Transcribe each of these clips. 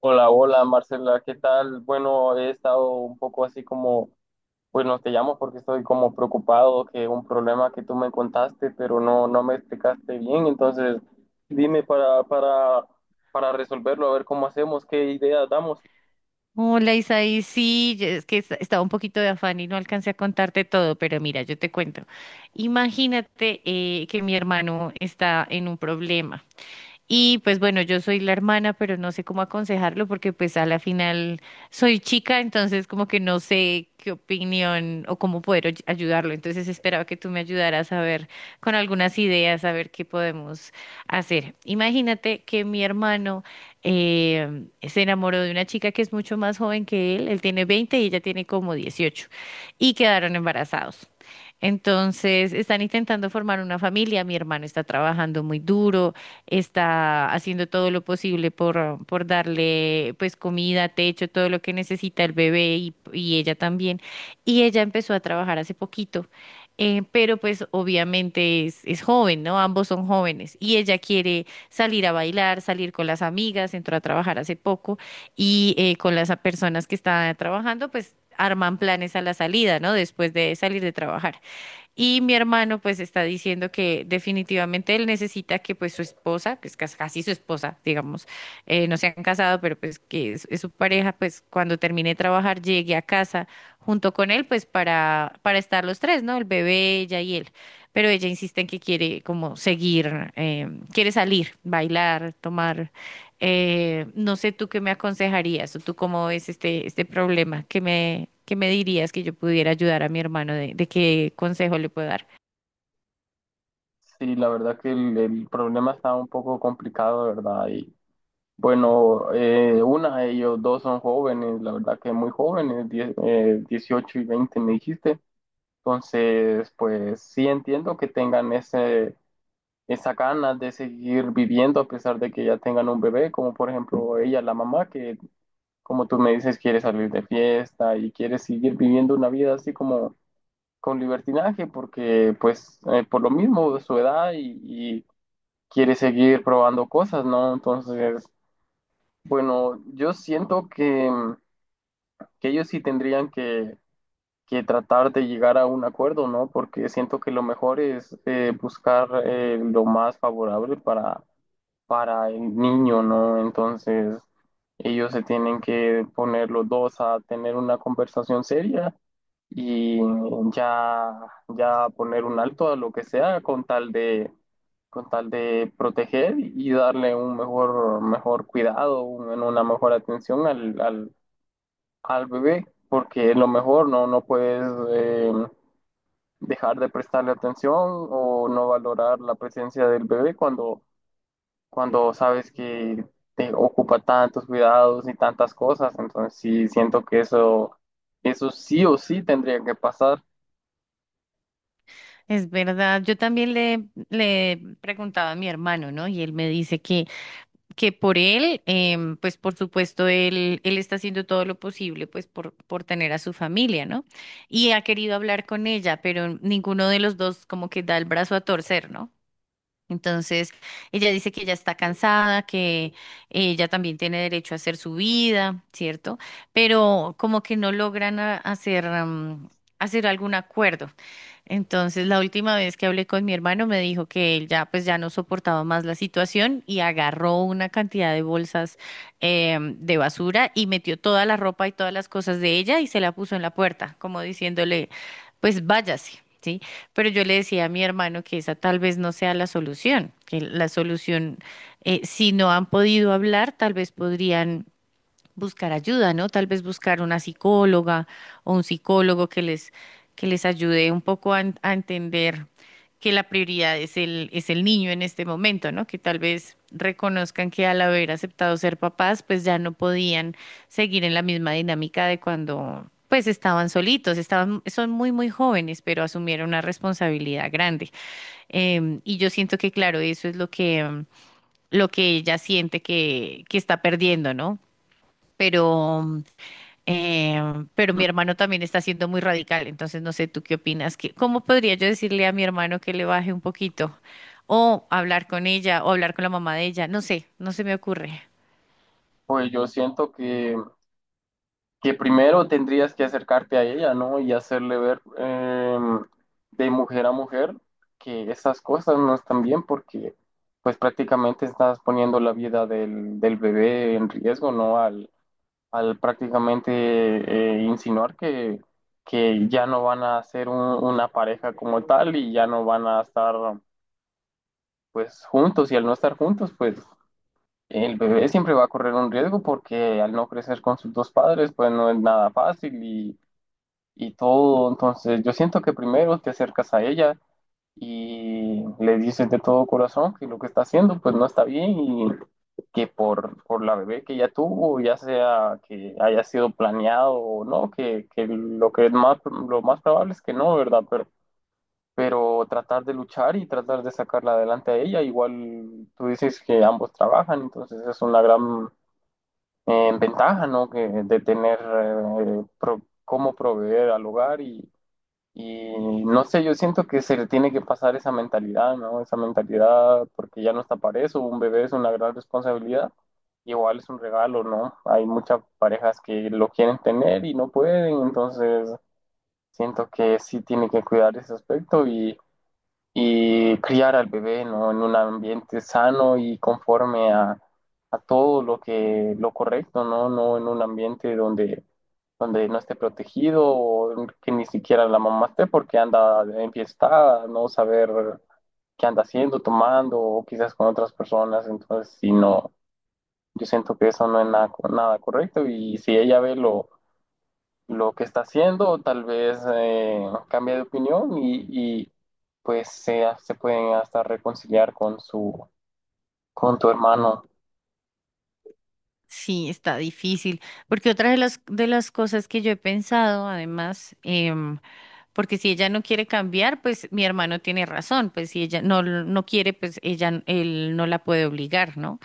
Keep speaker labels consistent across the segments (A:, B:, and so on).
A: Hola, hola Marcela, ¿qué tal? Bueno, he estado un poco así bueno, te llamo porque estoy como preocupado que un problema que tú me contaste, pero no me explicaste bien, entonces dime para resolverlo, a ver cómo hacemos, qué ideas damos.
B: Hola Isaí, sí, es que estaba un poquito de afán y no alcancé a contarte todo, pero mira, yo te cuento. Imagínate que mi hermano está en un problema. Y pues bueno, yo soy la hermana, pero no sé cómo aconsejarlo porque pues a la final soy chica, entonces como que no sé qué opinión o cómo poder ayudarlo. Entonces esperaba que tú me ayudaras a ver con algunas ideas, a ver qué podemos hacer. Imagínate que mi hermano se enamoró de una chica que es mucho más joven que él. Él tiene 20 y ella tiene como 18 y quedaron embarazados. Entonces están intentando formar una familia. Mi hermano está trabajando muy duro, está haciendo todo lo posible por darle pues comida, techo, todo lo que necesita el bebé y ella también. Y ella empezó a trabajar hace poquito. Pero pues obviamente es joven, ¿no? Ambos son jóvenes y ella quiere salir a bailar, salir con las amigas, entró a trabajar hace poco y con las personas que están trabajando, pues arman planes a la salida, ¿no? Después de salir de trabajar. Y mi hermano pues está diciendo que definitivamente él necesita que pues su esposa, que es casi su esposa, digamos, no se han casado, pero pues que es su pareja, pues cuando termine de trabajar llegue a casa junto con él pues para estar los tres, ¿no? El bebé, ella y él. Pero ella insiste en que quiere como seguir, quiere salir, bailar, tomar. No sé tú qué me aconsejarías o tú cómo ves este problema. Qué me dirías que yo pudiera ayudar a mi hermano? De qué consejo le puedo dar?
A: Sí, la verdad que el problema está un poco complicado, ¿verdad? Y bueno, una ellos dos son jóvenes, la verdad que muy jóvenes, 18 y 20 me dijiste. Entonces, pues sí entiendo que tengan esa ganas de seguir viviendo a pesar de que ya tengan un bebé, como por ejemplo ella, la mamá, que como tú me dices, quiere salir de fiesta y quiere seguir viviendo una vida así como con libertinaje, porque pues por lo mismo su edad y quiere seguir probando cosas, ¿no? Entonces, bueno, yo siento que ellos sí tendrían que tratar de llegar a un acuerdo, ¿no? Porque siento que lo mejor es buscar lo más favorable para el niño, ¿no? Entonces, ellos se tienen que poner los dos a tener una conversación seria y ya, ya poner un alto a lo que sea con tal de proteger y darle un mejor, mejor cuidado, una mejor atención al bebé, porque a lo mejor no puedes eh, dejar de prestarle atención o no valorar la presencia del bebé cuando sabes que te ocupa tantos cuidados y tantas cosas. Entonces sí, siento que eso sí o sí tendría que pasar.
B: Es verdad, yo también le preguntaba a mi hermano, ¿no? Y él me dice que por él, pues por supuesto, él está haciendo todo lo posible, pues por tener a su familia, ¿no? Y ha querido hablar con ella, pero ninguno de los dos como que da el brazo a torcer, ¿no? Entonces, ella dice que ella está cansada, que ella también tiene derecho a hacer su vida, ¿cierto? Pero como que no logran hacer, hacer algún acuerdo. Entonces, la última vez que hablé con mi hermano me dijo que él ya pues ya no soportaba más la situación y agarró una cantidad de bolsas de basura y metió toda la ropa y todas las cosas de ella y se la puso en la puerta, como diciéndole, pues váyase, ¿sí? Pero yo le decía a mi hermano que esa tal vez no sea la solución, que la solución, si no han podido hablar, tal vez podrían buscar ayuda, ¿no? Tal vez buscar una psicóloga o un psicólogo que que les ayude un poco a, a entender que la prioridad es es el niño en este momento, ¿no? Que tal vez reconozcan que al haber aceptado ser papás, pues ya no podían seguir en la misma dinámica de cuando, pues estaban solitos, estaban, son muy, muy jóvenes, pero asumieron una responsabilidad grande. Y yo siento que, claro, eso es lo lo que ella siente que está perdiendo, ¿no? Pero eh, pero mi hermano también está siendo muy radical, entonces no sé tú qué opinas, que, ¿cómo podría yo decirle a mi hermano que le baje un poquito? O hablar con ella, o hablar con la mamá de ella, no sé, no se me ocurre.
A: Pues yo siento que primero tendrías que acercarte a ella, ¿no? Y hacerle ver de mujer a mujer que esas cosas no están bien porque pues prácticamente estás poniendo la vida del bebé en riesgo, ¿no? Al prácticamente insinuar que ya no van a ser una pareja como tal y ya no van a estar pues juntos y al no estar juntos pues el bebé siempre va a correr un riesgo porque al no crecer con sus dos padres pues no es nada fácil y todo. Entonces, yo siento que primero te acercas a ella y le dices de todo corazón que lo que está haciendo pues no está bien y que por la bebé que ella tuvo, ya sea que haya sido planeado o no, que lo que es más, lo más probable es que no, ¿verdad? Pero tratar de luchar y tratar de sacarla adelante a ella, igual tú dices que ambos trabajan, entonces es una gran ventaja, ¿no? Que, de tener cómo proveer al hogar y no sé, yo siento que se le tiene que pasar esa mentalidad, ¿no? Esa mentalidad, porque ya no está para eso, un bebé es una gran responsabilidad, igual es un regalo, ¿no? Hay muchas parejas que lo quieren tener y no pueden, entonces siento que sí tiene que cuidar ese aspecto y criar al bebé, ¿no? En un ambiente sano y conforme a todo lo correcto, ¿no? No en un ambiente donde no esté protegido o que ni siquiera la mamá esté porque anda enfiestada, no saber qué anda haciendo, tomando o quizás con otras personas. Entonces, si no, yo siento que eso no es nada, nada correcto y si ella ve lo que está haciendo, o tal vez cambia de opinión y, pues se pueden hasta reconciliar con con tu hermano.
B: Sí, está difícil, porque otra de de las cosas que yo he pensado, además, porque si ella no quiere cambiar, pues mi hermano tiene razón, pues si ella no quiere, pues ella, él no la puede obligar, ¿no?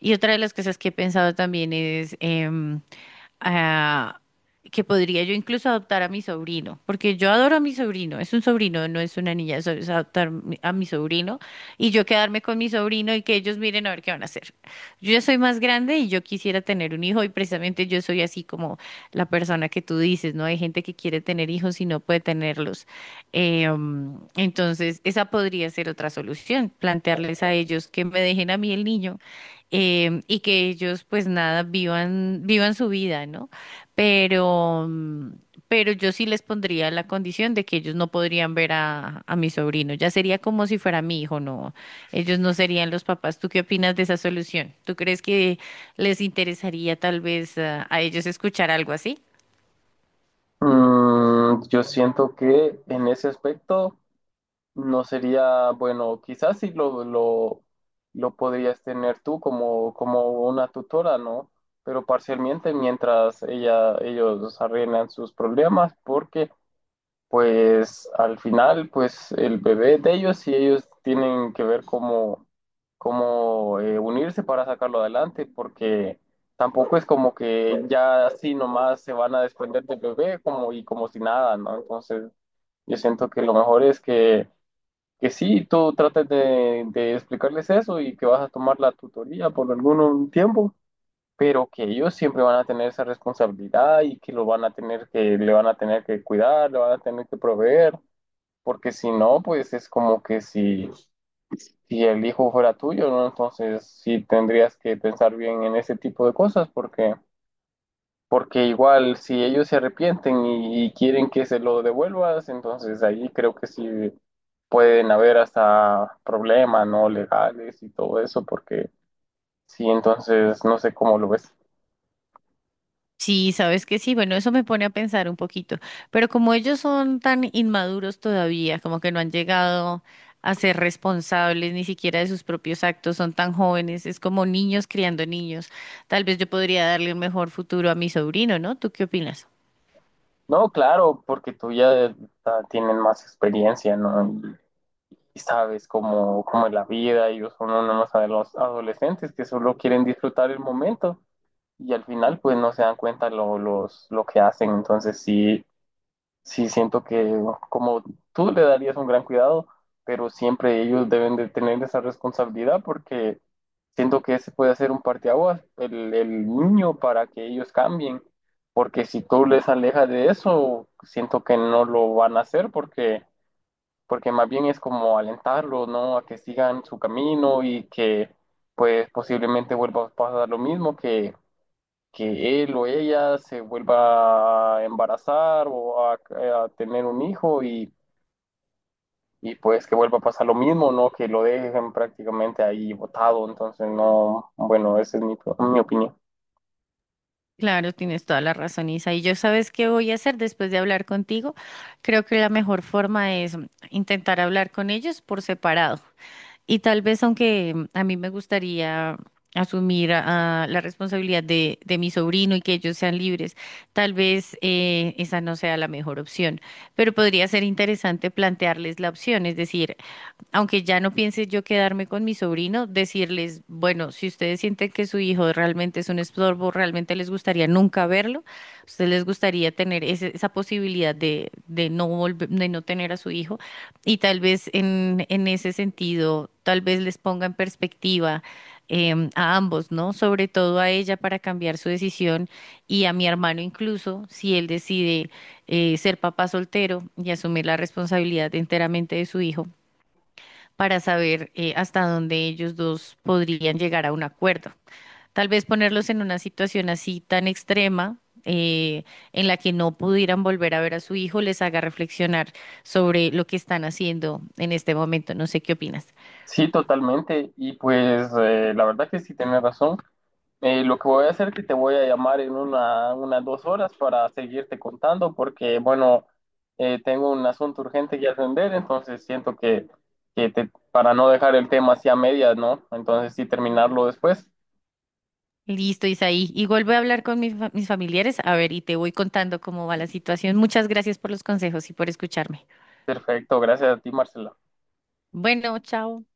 B: Y otra de las cosas que he pensado también es... ah, que podría yo incluso adoptar a mi sobrino, porque yo adoro a mi sobrino, es un sobrino, no es una niña, eso es adoptar a mi sobrino y yo quedarme con mi sobrino y que ellos miren a ver qué van a hacer. Yo ya soy más grande y yo quisiera tener un hijo y precisamente yo soy así como la persona que tú dices, ¿no? Hay gente que quiere tener hijos y no puede tenerlos. Entonces, esa podría ser otra solución, plantearles a ellos que me dejen a mí el niño, y que ellos, pues nada, vivan, vivan su vida, ¿no? Pero, pero yo sí les pondría la condición de que ellos no podrían ver a mi sobrino. Ya sería como si fuera mi hijo, no, ellos no serían los papás. ¿Tú qué opinas de esa solución? ¿Tú crees que les interesaría tal vez a ellos escuchar algo así?
A: Mm, yo siento que en ese aspecto no sería, bueno, quizás sí lo podrías tener tú como una tutora, ¿no? Pero parcialmente mientras ellos arreglan sus problemas, porque pues al final, pues el bebé es de ellos y ellos tienen que ver cómo unirse para sacarlo adelante, porque tampoco es como que ya así nomás se van a desprender del bebé como, y como si nada, ¿no? Entonces yo siento que lo mejor es que sí, tú trates de explicarles eso y que vas a tomar la tutoría por algún tiempo. Pero que ellos siempre van a tener esa responsabilidad y que lo van a tener que, le van a tener que cuidar, le van a tener que proveer porque si no, pues es como que si el hijo fuera tuyo, ¿no? Entonces sí tendrías que pensar bien en ese tipo de cosas, porque, porque igual si ellos se arrepienten y quieren que se lo devuelvas, entonces ahí creo que sí pueden haber hasta problemas, ¿no? Legales y todo eso, porque sí, entonces no sé cómo lo ves.
B: Sí, sabes que sí, bueno, eso me pone a pensar un poquito, pero como ellos son tan inmaduros todavía, como que no han llegado a ser responsables ni siquiera de sus propios actos, son tan jóvenes, es como niños criando niños. Tal vez yo podría darle un mejor futuro a mi sobrino, ¿no? ¿Tú qué opinas?
A: No, claro, porque tú ya tienes más experiencia, ¿no? Y sabes cómo es la vida, ellos son uno más de los adolescentes que solo quieren disfrutar el momento y al final pues no se dan cuenta lo que hacen, entonces sí, sí siento que como tú le darías un gran cuidado, pero siempre ellos deben de tener esa responsabilidad porque siento que ese puede ser un parteaguas, el niño para que ellos cambien, porque si tú les alejas de eso, siento que no lo van a hacer porque más bien es como alentarlo, ¿no? A que sigan su camino y que pues posiblemente vuelva a pasar lo mismo, que él o ella se vuelva a embarazar o a tener un hijo y pues que vuelva a pasar lo mismo, ¿no? Que lo dejen prácticamente ahí botado, entonces no, bueno, esa es mi opinión.
B: Claro, tienes toda la razón, Isa. Y yo sabes qué voy a hacer después de hablar contigo. Creo que la mejor forma es intentar hablar con ellos por separado. Y tal vez, aunque a mí me gustaría asumir la responsabilidad de mi sobrino y que ellos sean libres, tal vez esa no sea la mejor opción, pero podría ser interesante plantearles la opción, es decir, aunque ya no piense yo quedarme con mi sobrino, decirles, bueno, si ustedes sienten que su hijo realmente es un estorbo, realmente les gustaría nunca verlo, ustedes les gustaría tener esa posibilidad de no volver, de no tener a su hijo, y tal vez en ese sentido, tal vez les ponga en perspectiva. A ambos, ¿no? Sobre todo a ella para cambiar su decisión y a mi hermano incluso, si él decide ser papá soltero y asumir la responsabilidad enteramente de su hijo para saber hasta dónde ellos dos podrían llegar a un acuerdo. Tal vez ponerlos en una situación así tan extrema, en la que no pudieran volver a ver a su hijo, les haga reflexionar sobre lo que están haciendo en este momento. No sé qué opinas.
A: Sí, totalmente, y pues la verdad que sí tenés razón. Lo que voy a hacer es que te voy a llamar en unas 2 horas para seguirte contando porque, bueno, tengo un asunto urgente que atender, entonces siento para no dejar el tema así a medias, ¿no? Entonces sí terminarlo después.
B: Listo, Isaí. Igual voy a hablar con mis, mis familiares, a ver, y te voy contando cómo va la situación. Muchas gracias por los consejos y por escucharme.
A: Perfecto, gracias a ti, Marcela.
B: Bueno, chao.